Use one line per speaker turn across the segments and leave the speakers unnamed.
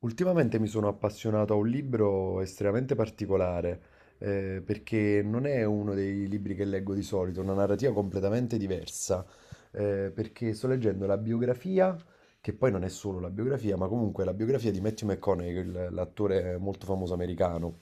Ultimamente mi sono appassionato a un libro estremamente particolare, perché non è uno dei libri che leggo di solito, è una narrativa completamente diversa, perché sto leggendo la biografia, che poi non è solo la biografia, ma comunque la biografia di Matthew McConaughey, l'attore molto famoso americano,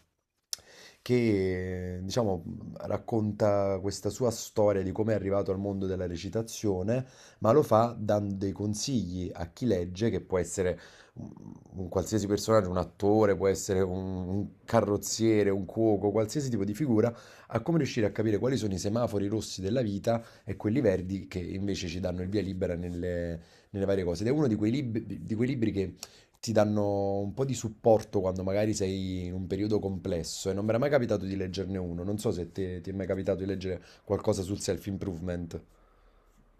che diciamo racconta questa sua storia di come è arrivato al mondo della recitazione, ma lo fa dando dei consigli a chi legge, che può essere un qualsiasi personaggio, un attore, un carrozziere, un cuoco, qualsiasi tipo di figura, a come riuscire a capire quali sono i semafori rossi della vita e quelli verdi che invece ci danno il via libera nelle varie cose. Ed è uno di quei libri che ti danno un po' di supporto quando magari sei in un periodo complesso e non mi era mai capitato di leggerne uno. Non so se ti è mai capitato di leggere qualcosa sul self-improvement.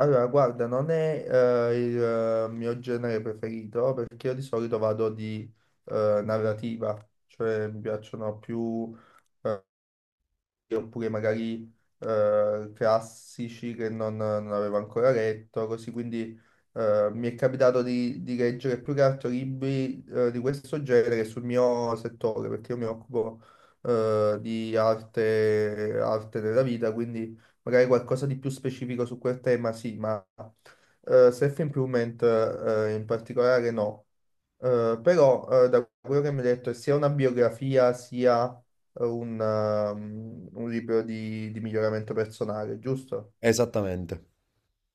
Allora, guarda, non è il mio genere preferito perché io di solito vado di narrativa, cioè mi piacciono più eh, oppure magari classici che non avevo ancora letto, così quindi mi è capitato di leggere più che altro libri di questo genere sul mio settore, perché io mi occupo di arte, arte della vita, quindi magari qualcosa di più specifico su quel tema, sì, ma self-improvement in particolare no. Però da quello che mi hai detto è sia una biografia sia un libro di miglioramento personale, giusto?
Esattamente.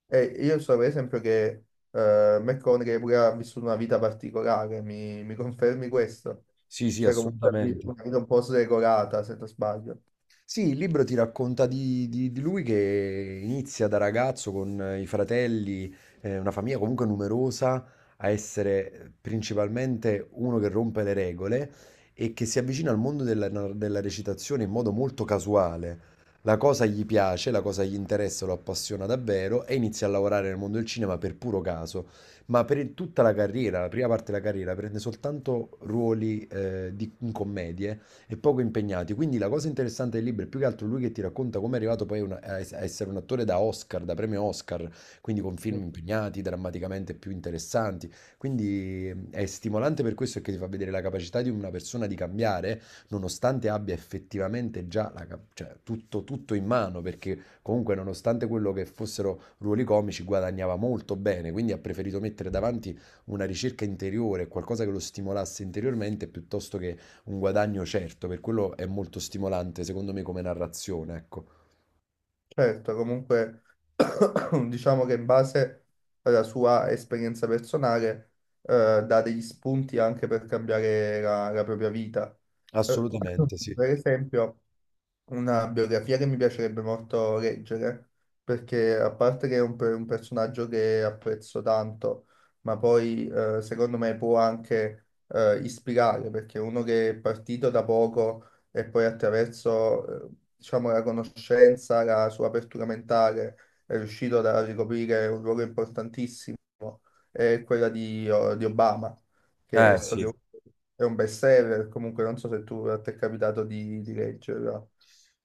E io so per esempio che McConaughey pure ha vissuto una vita particolare, mi confermi questo?
Sì, sì,
Cioè comunque ha
assolutamente.
una vita un po' sregolata, se non sbaglio.
Sì, il libro ti racconta di lui che inizia da ragazzo con i fratelli, una famiglia comunque numerosa, a essere principalmente uno che rompe le regole e che si avvicina al mondo della recitazione in modo molto casuale. La cosa gli piace, la cosa gli interessa, lo appassiona davvero e inizia a lavorare nel mondo del cinema per puro caso. Ma per tutta la carriera, la prima parte della carriera, prende soltanto ruoli in commedie e poco impegnati. Quindi la cosa interessante del libro è più che altro lui che ti racconta come è arrivato poi una- a es- a essere un attore da Oscar, da premio Oscar, quindi con film impegnati, drammaticamente più interessanti. Quindi è stimolante per questo che ti fa vedere la capacità di una persona di cambiare, nonostante abbia effettivamente già cioè, tutto, tutto in mano, perché comunque nonostante quello che fossero ruoli comici guadagnava molto bene, quindi ha preferito mettere davanti una ricerca interiore, qualcosa che lo stimolasse interiormente piuttosto che un guadagno certo, per quello è molto stimolante, secondo me, come narrazione, ecco.
Certo, comunque diciamo che in base alla sua esperienza personale dà degli spunti anche per cambiare la propria vita. Eh,
Assolutamente sì.
per esempio, una biografia che mi piacerebbe molto leggere, perché a parte che è un personaggio che apprezzo tanto, ma poi secondo me può anche ispirare, perché è uno che è partito da poco e poi attraverso diciamo, la conoscenza, la sua apertura mentale, è riuscito a ricoprire un ruolo importantissimo, è quella di Obama, che
Eh
so che
sì.
è un bestseller, comunque non so se tu a te è capitato di leggerla.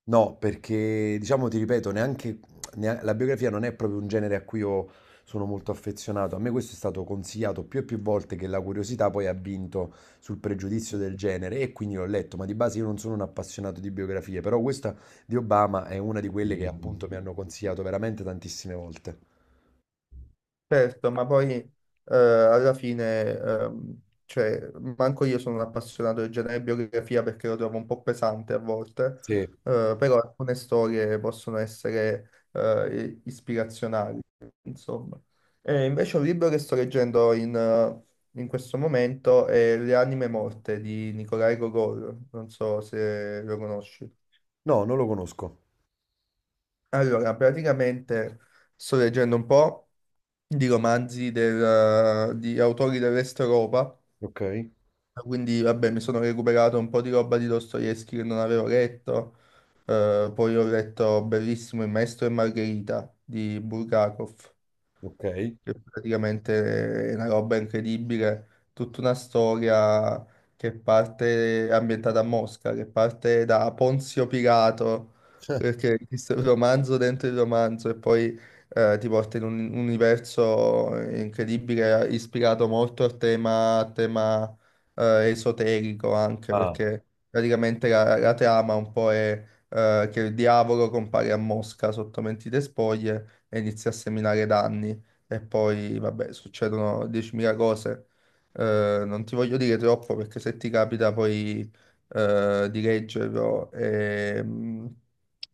No, perché diciamo, ti ripeto, la biografia non è proprio un genere a cui io sono molto affezionato. A me questo è stato consigliato più e più volte che la curiosità poi ha vinto sul pregiudizio del genere e quindi l'ho letto, ma di base io non sono un appassionato di biografie, però questa di Obama è una di quelle che appunto mi hanno consigliato veramente tantissime volte.
Certo, ma poi alla fine, cioè, manco io sono un appassionato di genere e biografia perché lo trovo un po' pesante a volte,
Sì.
però alcune storie possono essere ispirazionali, insomma. E invece un libro che sto leggendo in questo momento è Le anime morte di Nikolai Gogol, non so se lo conosci.
No, non lo conosco.
Allora, praticamente sto leggendo un po' di romanzi di autori dell'Est Europa.
Ok,
Quindi, vabbè, mi sono recuperato un po' di roba di Dostoevsky che non avevo letto. Poi ho letto bellissimo Il Maestro e Margherita di Bulgakov
ok.
che praticamente è una roba incredibile, tutta una storia che parte ambientata a Mosca, che parte da Ponzio Pilato, perché esiste un romanzo dentro il romanzo e poi ti porta in un universo incredibile, ispirato molto al tema, esoterico anche,
Ah,
perché praticamente la trama un po' è che il diavolo compare a Mosca sotto mentite spoglie e inizia a seminare danni e poi, vabbè, succedono 10.000 cose. Non ti voglio dire troppo perché se ti capita poi di leggerlo,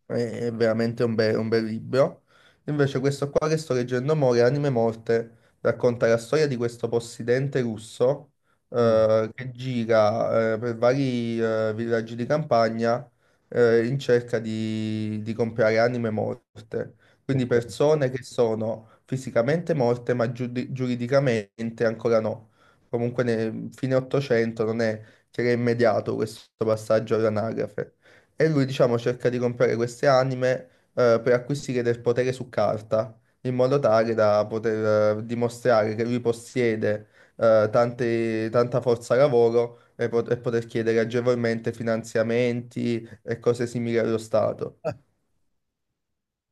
è è veramente un bel libro. Invece questo qua che sto leggendo mo, Le anime morte, racconta la storia di questo possidente russo
mm,
che gira per vari villaggi di campagna in cerca di comprare anime morte. Quindi
ok.
persone che sono fisicamente morte ma giuridicamente ancora no. Comunque nel fine 800 non è che era immediato questo passaggio all'anagrafe. E lui, diciamo, cerca di comprare queste anime per acquisire del potere su carta, in modo tale da poter dimostrare che lui possiede tanta forza lavoro e poter chiedere agevolmente finanziamenti e cose simili allo Stato.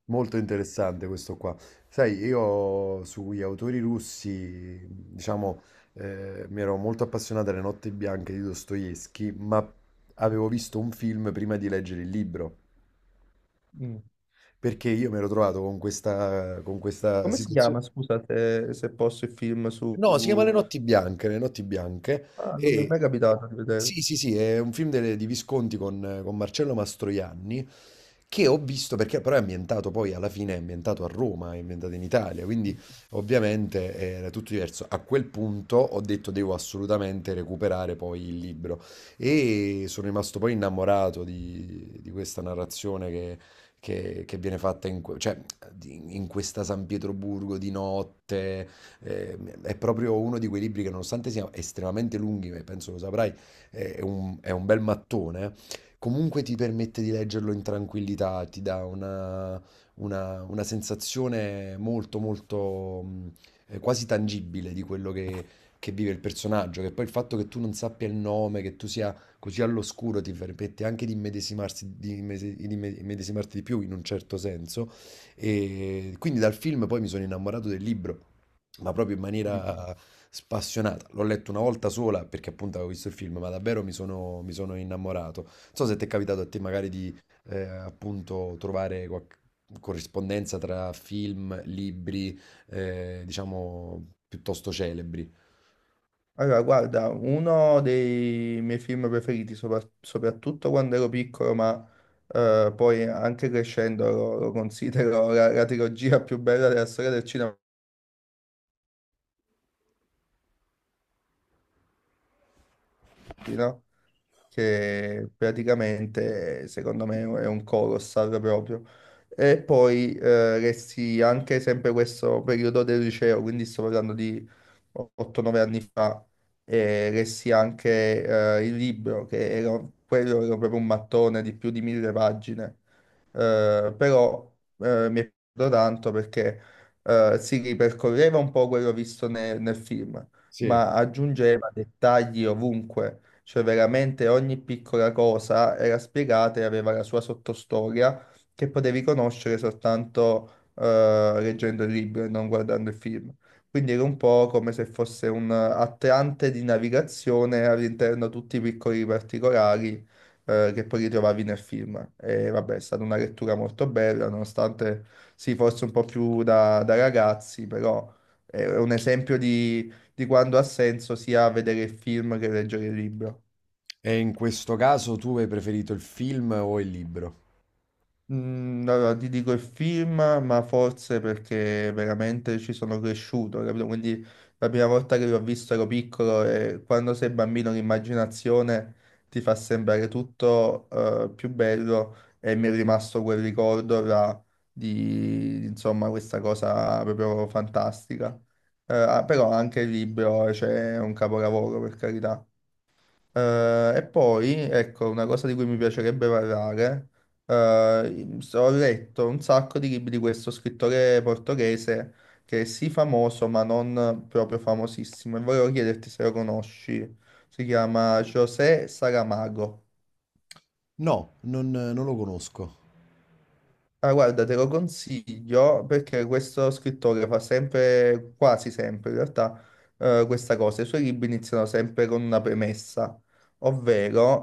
Molto interessante questo qua. Sai, io sugli autori russi, diciamo, mi ero molto appassionato alle Notti Bianche di Dostoevsky, ma avevo visto un film prima di leggere il libro,
Mm.
perché io mi ero trovato con con questa
Come si
situazione.
chiama, scusa, se posso, il film
No, si chiama Le notti bianche, Le notti bianche.
Ah, non mi è
E
mai
ok.
capitato di vedere.
Sì, sì, sì, è un film di Visconti con Marcello Mastroianni che ho visto perché però è ambientato poi alla fine è ambientato a Roma, è ambientato in Italia, quindi ovviamente era tutto diverso. A quel punto ho detto devo assolutamente recuperare poi il libro e sono rimasto poi innamorato di questa narrazione che viene fatta cioè, in questa San Pietroburgo di notte, eh, è proprio uno di quei libri che nonostante siano estremamente lunghi, ma penso lo saprai, è un bel mattone, comunque ti permette di leggerlo in tranquillità, ti dà una sensazione molto molto quasi tangibile di quello che vive il personaggio, che poi il fatto che tu non sappia il nome, che tu sia così all'oscuro ti permette anche di immedesimarsi di, immese- di imme- immedesimarti di più in un certo senso. E quindi dal film poi mi sono innamorato del libro ma proprio in maniera spassionata. L'ho letto una volta sola perché appunto avevo visto il film, ma davvero mi sono innamorato. Non so se ti è capitato a te magari di appunto trovare qualche corrispondenza tra film, libri, diciamo piuttosto celebri.
Allora, guarda, uno dei miei film preferiti, soprattutto quando ero piccolo, ma poi anche crescendo lo considero la trilogia più bella della storia del cinema, no? Che praticamente, secondo me, è un colossal proprio. E poi resti anche sempre questo periodo del liceo, quindi sto parlando 8-9 anni fa e lessi anche il libro, quello era proprio un mattone di più di mille pagine. Però mi è piaciuto tanto perché si ripercorreva un po' quello visto nel film, ma
Sì.
aggiungeva dettagli ovunque, cioè veramente ogni piccola cosa era spiegata e aveva la sua sottostoria che potevi conoscere soltanto leggendo il libro e non guardando il film. Quindi era un po' come se fosse un attrante di navigazione all'interno tutti i piccoli particolari che poi ritrovavi nel film. E vabbè, è stata una lettura molto bella, nonostante sì, forse un po' più da ragazzi, però è un esempio di quando ha senso sia vedere il film che leggere il libro.
E in questo caso tu hai preferito il film o il libro?
Allora, ti dico il film, ma forse perché veramente ci sono cresciuto, capito? Quindi la prima volta che l'ho visto ero piccolo e quando sei bambino l'immaginazione ti fa sembrare tutto più bello e mi è rimasto quel ricordo là di, insomma, questa cosa proprio fantastica. Però anche il libro, cioè, è un capolavoro, per carità. E poi, ecco, una cosa di cui mi piacerebbe parlare, ho letto un sacco di libri di questo scrittore portoghese che è sì famoso, ma non proprio famosissimo, e volevo chiederti se lo conosci. Si chiama José Saramago.
No, non lo conosco.
Ah, guarda, te lo consiglio perché questo scrittore fa sempre, quasi sempre in realtà, questa cosa. I suoi libri iniziano sempre con una premessa, ovvero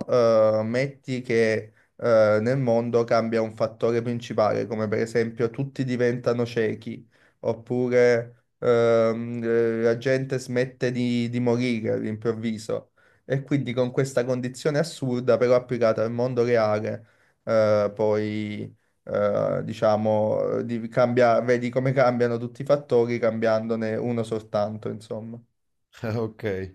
metti che nel mondo cambia un fattore principale, come per esempio tutti diventano ciechi, oppure la gente smette di morire all'improvviso. E quindi con questa condizione assurda, però applicata al mondo reale, poi diciamo, vedi come cambiano tutti i fattori cambiandone uno soltanto, insomma.
Ok.